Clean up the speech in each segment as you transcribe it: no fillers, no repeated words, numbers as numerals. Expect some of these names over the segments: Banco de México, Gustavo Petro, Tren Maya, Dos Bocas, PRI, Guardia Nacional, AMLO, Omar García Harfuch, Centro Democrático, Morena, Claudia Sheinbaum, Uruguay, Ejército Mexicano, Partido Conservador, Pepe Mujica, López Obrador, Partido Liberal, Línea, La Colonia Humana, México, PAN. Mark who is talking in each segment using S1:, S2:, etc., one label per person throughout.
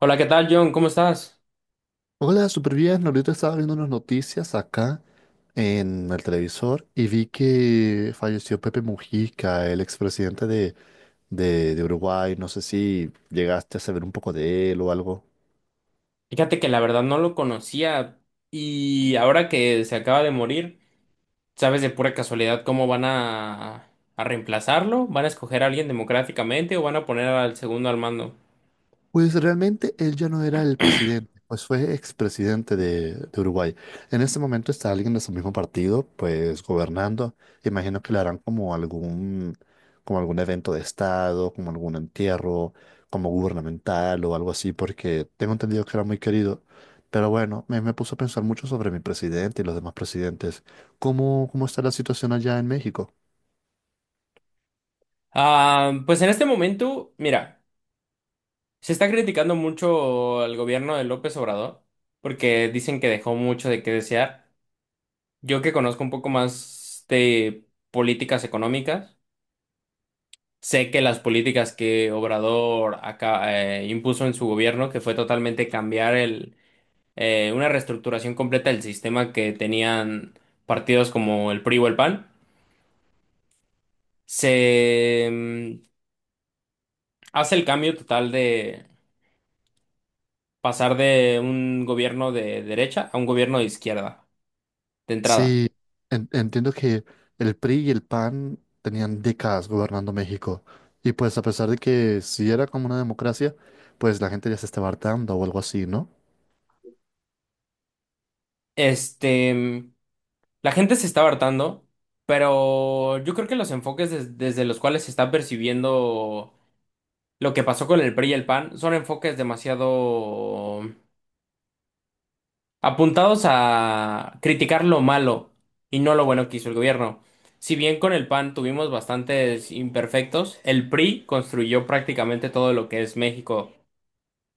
S1: Hola, ¿qué tal, John? ¿Cómo estás?
S2: Hola, súper bien. Ahorita estaba viendo unas noticias acá en el televisor y vi que falleció Pepe Mujica, el expresidente de Uruguay. No sé si llegaste a saber un poco de él o algo.
S1: Fíjate que la verdad no lo conocía y ahora que se acaba de morir, ¿sabes de pura casualidad cómo van a reemplazarlo? ¿Van a escoger a alguien democráticamente o van a poner al segundo al mando?
S2: Pues realmente él ya no era el presidente, pues fue expresidente de Uruguay. En este momento está alguien de su mismo partido, pues gobernando. Imagino que le harán como algún evento de estado, como algún entierro, como gubernamental o algo así, porque tengo entendido que era muy querido. Pero bueno, me puso a pensar mucho sobre mi presidente y los demás presidentes. Cómo está la situación allá en México?
S1: Pues en este momento, mira, se está criticando mucho al gobierno de López Obrador porque dicen que dejó mucho de qué desear. Yo que conozco un poco más de políticas económicas. Sé que las políticas que Obrador acá, impuso en su gobierno, que fue totalmente cambiar el, una reestructuración completa del sistema que tenían partidos como el PRI o el PAN, se mm, hace el cambio total de pasar de un gobierno de derecha a un gobierno de izquierda, de entrada.
S2: Sí, entiendo que el PRI y el PAN tenían décadas gobernando México y pues a pesar de que sí era como una democracia, pues la gente ya se estaba hartando o algo así, ¿no?
S1: Este, mm, la gente se está hartando, pero yo creo que los enfoques desde los cuales se está percibiendo lo que pasó con el PRI y el PAN son enfoques demasiado apuntados a criticar lo malo y no lo bueno que hizo el gobierno. Si bien con el PAN tuvimos bastantes imperfectos, el PRI construyó prácticamente todo lo que es México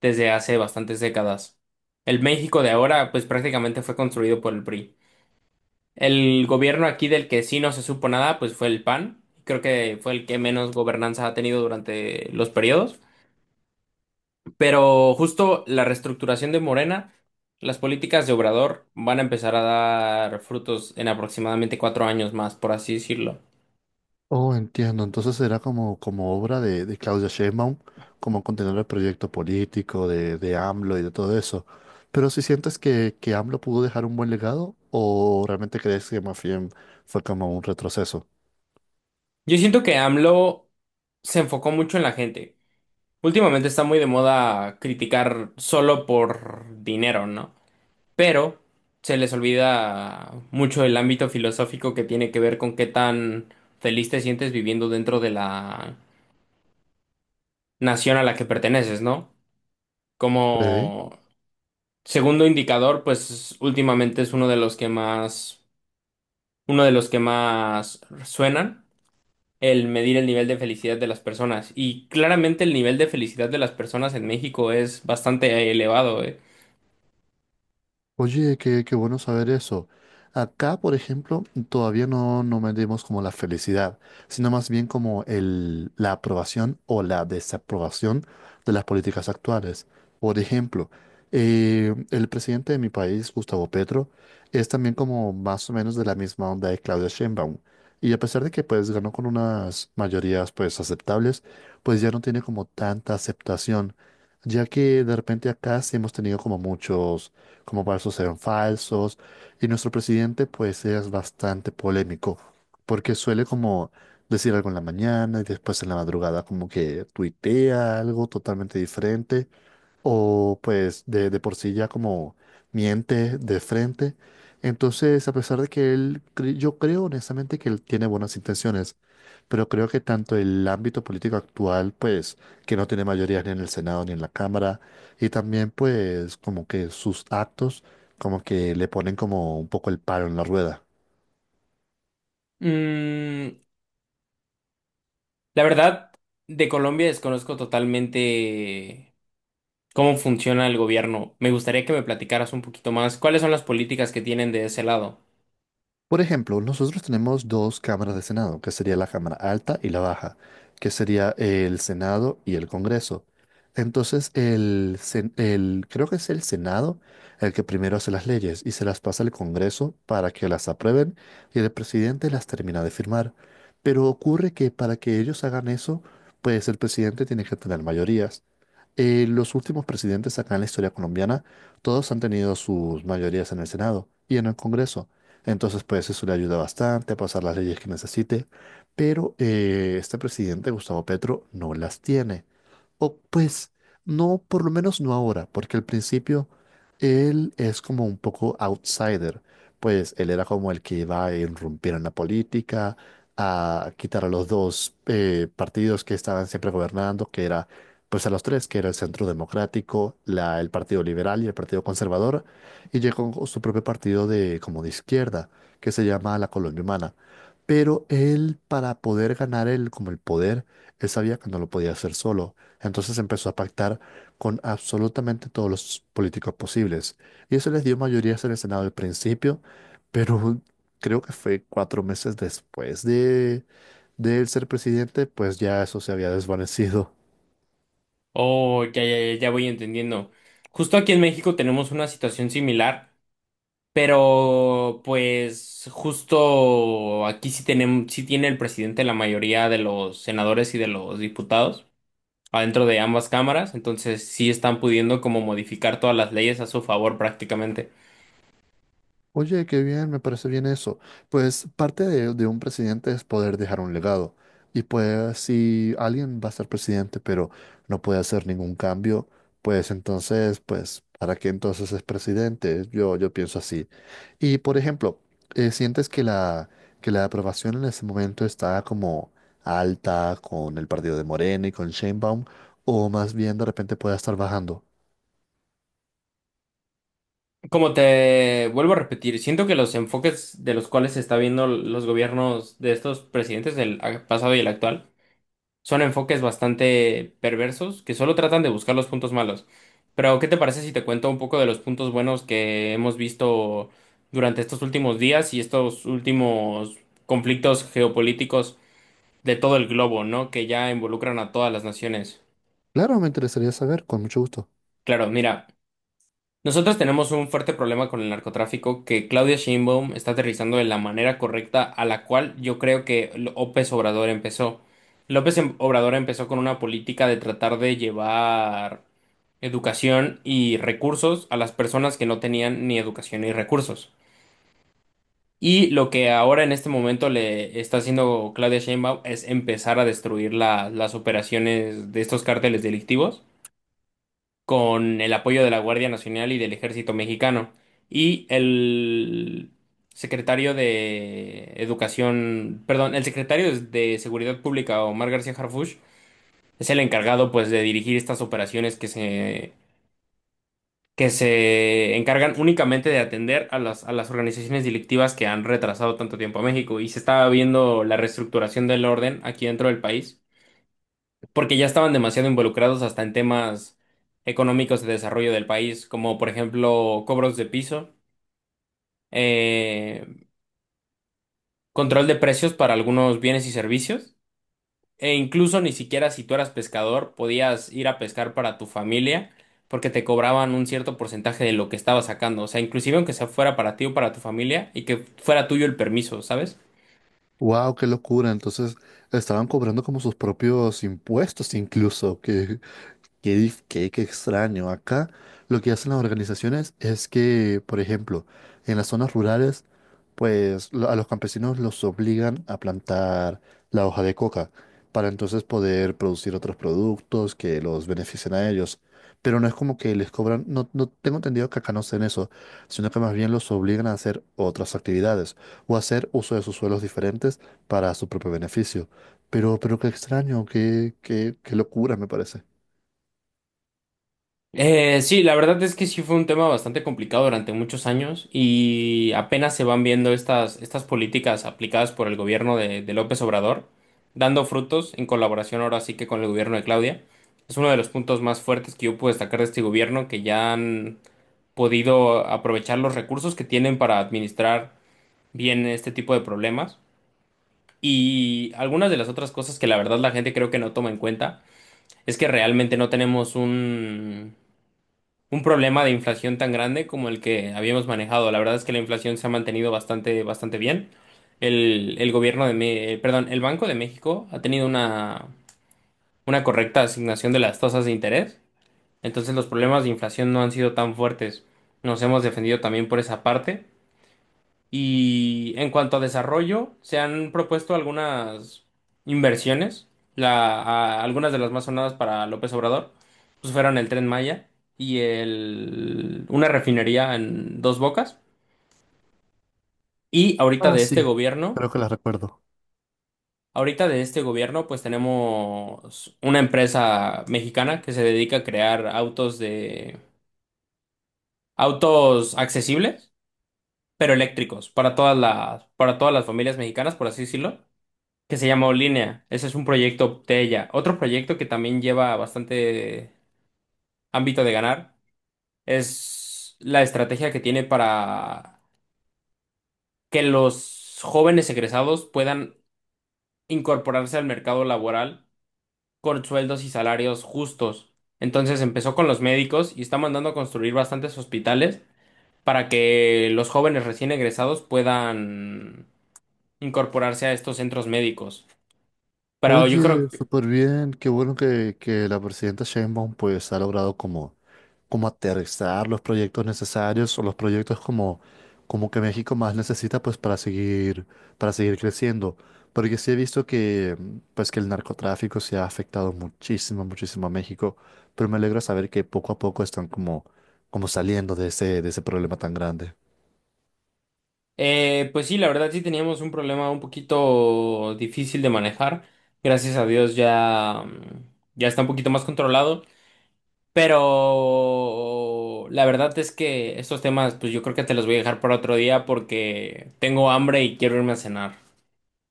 S1: desde hace bastantes décadas. El México de ahora, pues prácticamente fue construido por el PRI. El gobierno aquí del que sí no se supo nada, pues fue el PAN. Creo que fue el que menos gobernanza ha tenido durante los periodos. Pero justo la reestructuración de Morena, las políticas de Obrador van a empezar a dar frutos en aproximadamente cuatro años más, por así decirlo.
S2: Oh, entiendo, entonces era como obra de Claudia Sheinbaum, como continuar el proyecto político de AMLO y de todo eso. Pero si sientes que AMLO pudo dejar un buen legado o realmente crees que más bien fue como un retroceso?
S1: Yo siento que AMLO se enfocó mucho en la gente. Últimamente está muy de moda criticar solo por dinero, ¿no? Pero se les olvida mucho el ámbito filosófico que tiene que ver con qué tan feliz te sientes viviendo dentro de la nación a la que perteneces, ¿no?
S2: Ok.
S1: Como segundo indicador, pues últimamente es uno de los que más suenan, el medir el nivel de felicidad de las personas. Y claramente el nivel de felicidad de las personas en México es bastante elevado, eh.
S2: Oye, qué bueno saber eso. Acá, por ejemplo, todavía no medimos como la felicidad, sino más bien como el, la aprobación o la desaprobación de las políticas actuales. Por ejemplo, el presidente de mi país, Gustavo Petro, es también como más o menos de la misma onda de Claudia Sheinbaum. Y a pesar de que pues ganó con unas mayorías pues aceptables, pues ya no tiene como tanta aceptación, ya que de repente acá sí hemos tenido como muchos como falsos eran falsos. Y nuestro presidente pues es bastante polémico, porque suele como decir algo en la mañana y después en la madrugada como que tuitea algo totalmente diferente, o pues de por sí ya como miente de frente. Entonces, a pesar de que él, yo creo honestamente que él tiene buenas intenciones, pero creo que tanto el ámbito político actual, pues, que no tiene mayoría ni en el Senado ni en la Cámara, y también, pues, como que sus actos, como que le ponen como un poco el palo en la rueda.
S1: Mm, la verdad, de Colombia desconozco totalmente cómo funciona el gobierno. Me gustaría que me platicaras un poquito más cuáles son las políticas que tienen de ese lado.
S2: Por ejemplo, nosotros tenemos dos cámaras de Senado, que sería la Cámara Alta y la Baja, que sería el Senado y el Congreso. Entonces, creo que es el Senado el que primero hace las leyes y se las pasa al Congreso para que las aprueben y el presidente las termina de firmar. Pero ocurre que para que ellos hagan eso, pues el presidente tiene que tener mayorías. Los últimos presidentes acá en la historia colombiana, todos han tenido sus mayorías en el Senado y en el Congreso. Entonces, pues eso le ayuda bastante a pasar las leyes que necesite. Pero este presidente, Gustavo Petro, no las tiene. O pues no, por lo menos no ahora, porque al principio él es como un poco outsider, pues él era como el que iba a irrumpir en la política, a quitar a los dos partidos que estaban siempre gobernando, pues a los tres, que era el Centro Democrático, el Partido Liberal y el Partido Conservador, y llegó con su propio partido de como de izquierda, que se llama La Colonia Humana. Pero él, para poder ganar como el poder, él sabía que no lo podía hacer solo. Entonces empezó a pactar con absolutamente todos los políticos posibles. Y eso les dio mayorías en el Senado al principio, pero creo que fue cuatro meses después de él ser presidente, pues ya eso se había desvanecido.
S1: Oh, ya, ya, ya voy entendiendo. Justo aquí en México tenemos una situación similar. Pero pues justo aquí sí tenemos, sí tiene el presidente la mayoría de los senadores y de los diputados adentro de ambas cámaras, entonces sí están pudiendo como modificar todas las leyes a su favor prácticamente.
S2: Oye, qué bien, me parece bien eso. Pues parte de un presidente es poder dejar un legado. Y pues si alguien va a ser presidente pero no puede hacer ningún cambio, pues entonces, pues, ¿para qué entonces es presidente? Yo pienso así. Y por ejemplo, ¿sientes que que la aprobación en ese momento está como alta con el partido de Morena y con Sheinbaum? ¿O más bien de repente puede estar bajando?
S1: Como te vuelvo a repetir, siento que los enfoques de los cuales se está viendo los gobiernos de estos presidentes, el pasado y el actual, son enfoques bastante perversos que solo tratan de buscar los puntos malos. Pero, ¿qué te parece si te cuento un poco de los puntos buenos que hemos visto durante estos últimos días y estos últimos conflictos geopolíticos de todo el globo, ¿no? Que ya involucran a todas las naciones.
S2: Claro, me interesaría saber, con mucho gusto.
S1: Claro, mira. Nosotros tenemos un fuerte problema con el narcotráfico que Claudia Sheinbaum está aterrizando de la manera correcta a la cual yo creo que López Obrador empezó. Obrador empezó con una política de tratar de llevar educación y recursos a las personas que no tenían ni educación ni recursos. Y lo que ahora en este momento le está haciendo Claudia Sheinbaum es empezar a destruir las operaciones de estos cárteles delictivos con el apoyo de la Guardia Nacional y del Ejército Mexicano. Y el secretario de Educación, perdón, el secretario de Seguridad Pública, Omar García Harfuch, es el encargado pues de dirigir estas operaciones que se encargan únicamente de atender a a las organizaciones delictivas que han retrasado tanto tiempo a México. Y se estaba viendo la reestructuración del orden aquí dentro del país porque ya estaban demasiado involucrados hasta en temas económicos de desarrollo del país, como por ejemplo cobros de piso, eh, control de precios para algunos bienes y servicios, e incluso ni siquiera si tú eras pescador podías ir a pescar para tu familia porque te cobraban un cierto porcentaje de lo que estabas sacando, o sea, inclusive aunque sea fuera para ti o para tu familia y que fuera tuyo el permiso, ¿sabes?
S2: Wow, qué locura. Entonces estaban cobrando como sus propios impuestos incluso, que qué extraño. Acá lo que hacen las organizaciones es que, por ejemplo, en las zonas rurales, pues a los campesinos los obligan a plantar la hoja de coca para entonces poder producir otros productos que los beneficien a ellos. Pero no es como que les cobran, no, no tengo entendido que acá no hacen eso, sino que más bien los obligan a hacer otras actividades o hacer uso de sus suelos diferentes para su propio beneficio. Pero qué extraño, qué locura me parece.
S1: Sí, la verdad es que sí fue un tema bastante complicado durante muchos años y apenas se van viendo estas políticas aplicadas por el gobierno de López Obrador, dando frutos en colaboración ahora sí que con el gobierno de Claudia. Es uno de los puntos más fuertes que yo puedo destacar de este gobierno, que ya han podido aprovechar los recursos que tienen para administrar bien este tipo de problemas. Y algunas de las otras cosas que la verdad la gente creo que no toma en cuenta es que realmente no tenemos un problema de inflación tan grande como el que habíamos manejado. La verdad es que la inflación se ha mantenido bastante bien. El gobierno de, perdón, el Banco de México ha tenido una correcta asignación de las tasas de interés. Entonces los problemas de inflación no han sido tan fuertes. Nos hemos defendido también por esa parte. Y en cuanto a desarrollo, se han propuesto algunas inversiones. Algunas de las más sonadas para López Obrador, pues fueron el Tren Maya y una refinería en Dos Bocas. Y ahorita
S2: Ah,
S1: de este
S2: sí,
S1: gobierno,
S2: creo que la recuerdo.
S1: Ahorita de este gobierno, pues tenemos una empresa mexicana que se dedica a crear autos de, autos accesibles, pero eléctricos para para todas las familias mexicanas, por así decirlo. Que se llamó Línea. Ese es un proyecto de ella. Otro proyecto que también lleva bastante ámbito de ganar es la estrategia que tiene para que los jóvenes egresados puedan incorporarse al mercado laboral con sueldos y salarios justos. Entonces empezó con los médicos y está mandando a construir bastantes hospitales para que los jóvenes recién egresados puedan incorporarse a estos centros médicos. Pero yo
S2: Oye,
S1: creo.
S2: súper bien, qué bueno que la presidenta Sheinbaum pues ha logrado como aterrizar los proyectos necesarios o los proyectos como que México más necesita pues para seguir creciendo. Porque sí he visto que pues que el narcotráfico se ha afectado muchísimo, muchísimo a México, pero me alegra saber que poco a poco están como, como saliendo de ese problema tan grande.
S1: Pues sí, la verdad sí teníamos un problema un poquito difícil de manejar. Gracias a Dios ya, ya está un poquito más controlado. Pero la verdad es que estos temas, pues yo creo que te los voy a dejar para otro día porque tengo hambre y quiero irme a cenar.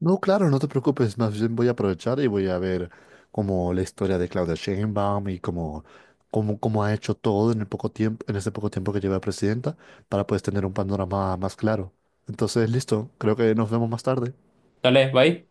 S2: No, claro, no te preocupes, más bien voy a aprovechar y voy a ver como la historia de Claudia Sheinbaum y cómo ha hecho todo en el poco tiempo, en ese poco tiempo que lleva presidenta, para pues tener un panorama más claro. Entonces, listo, creo que nos vemos más tarde.
S1: Dale, bye.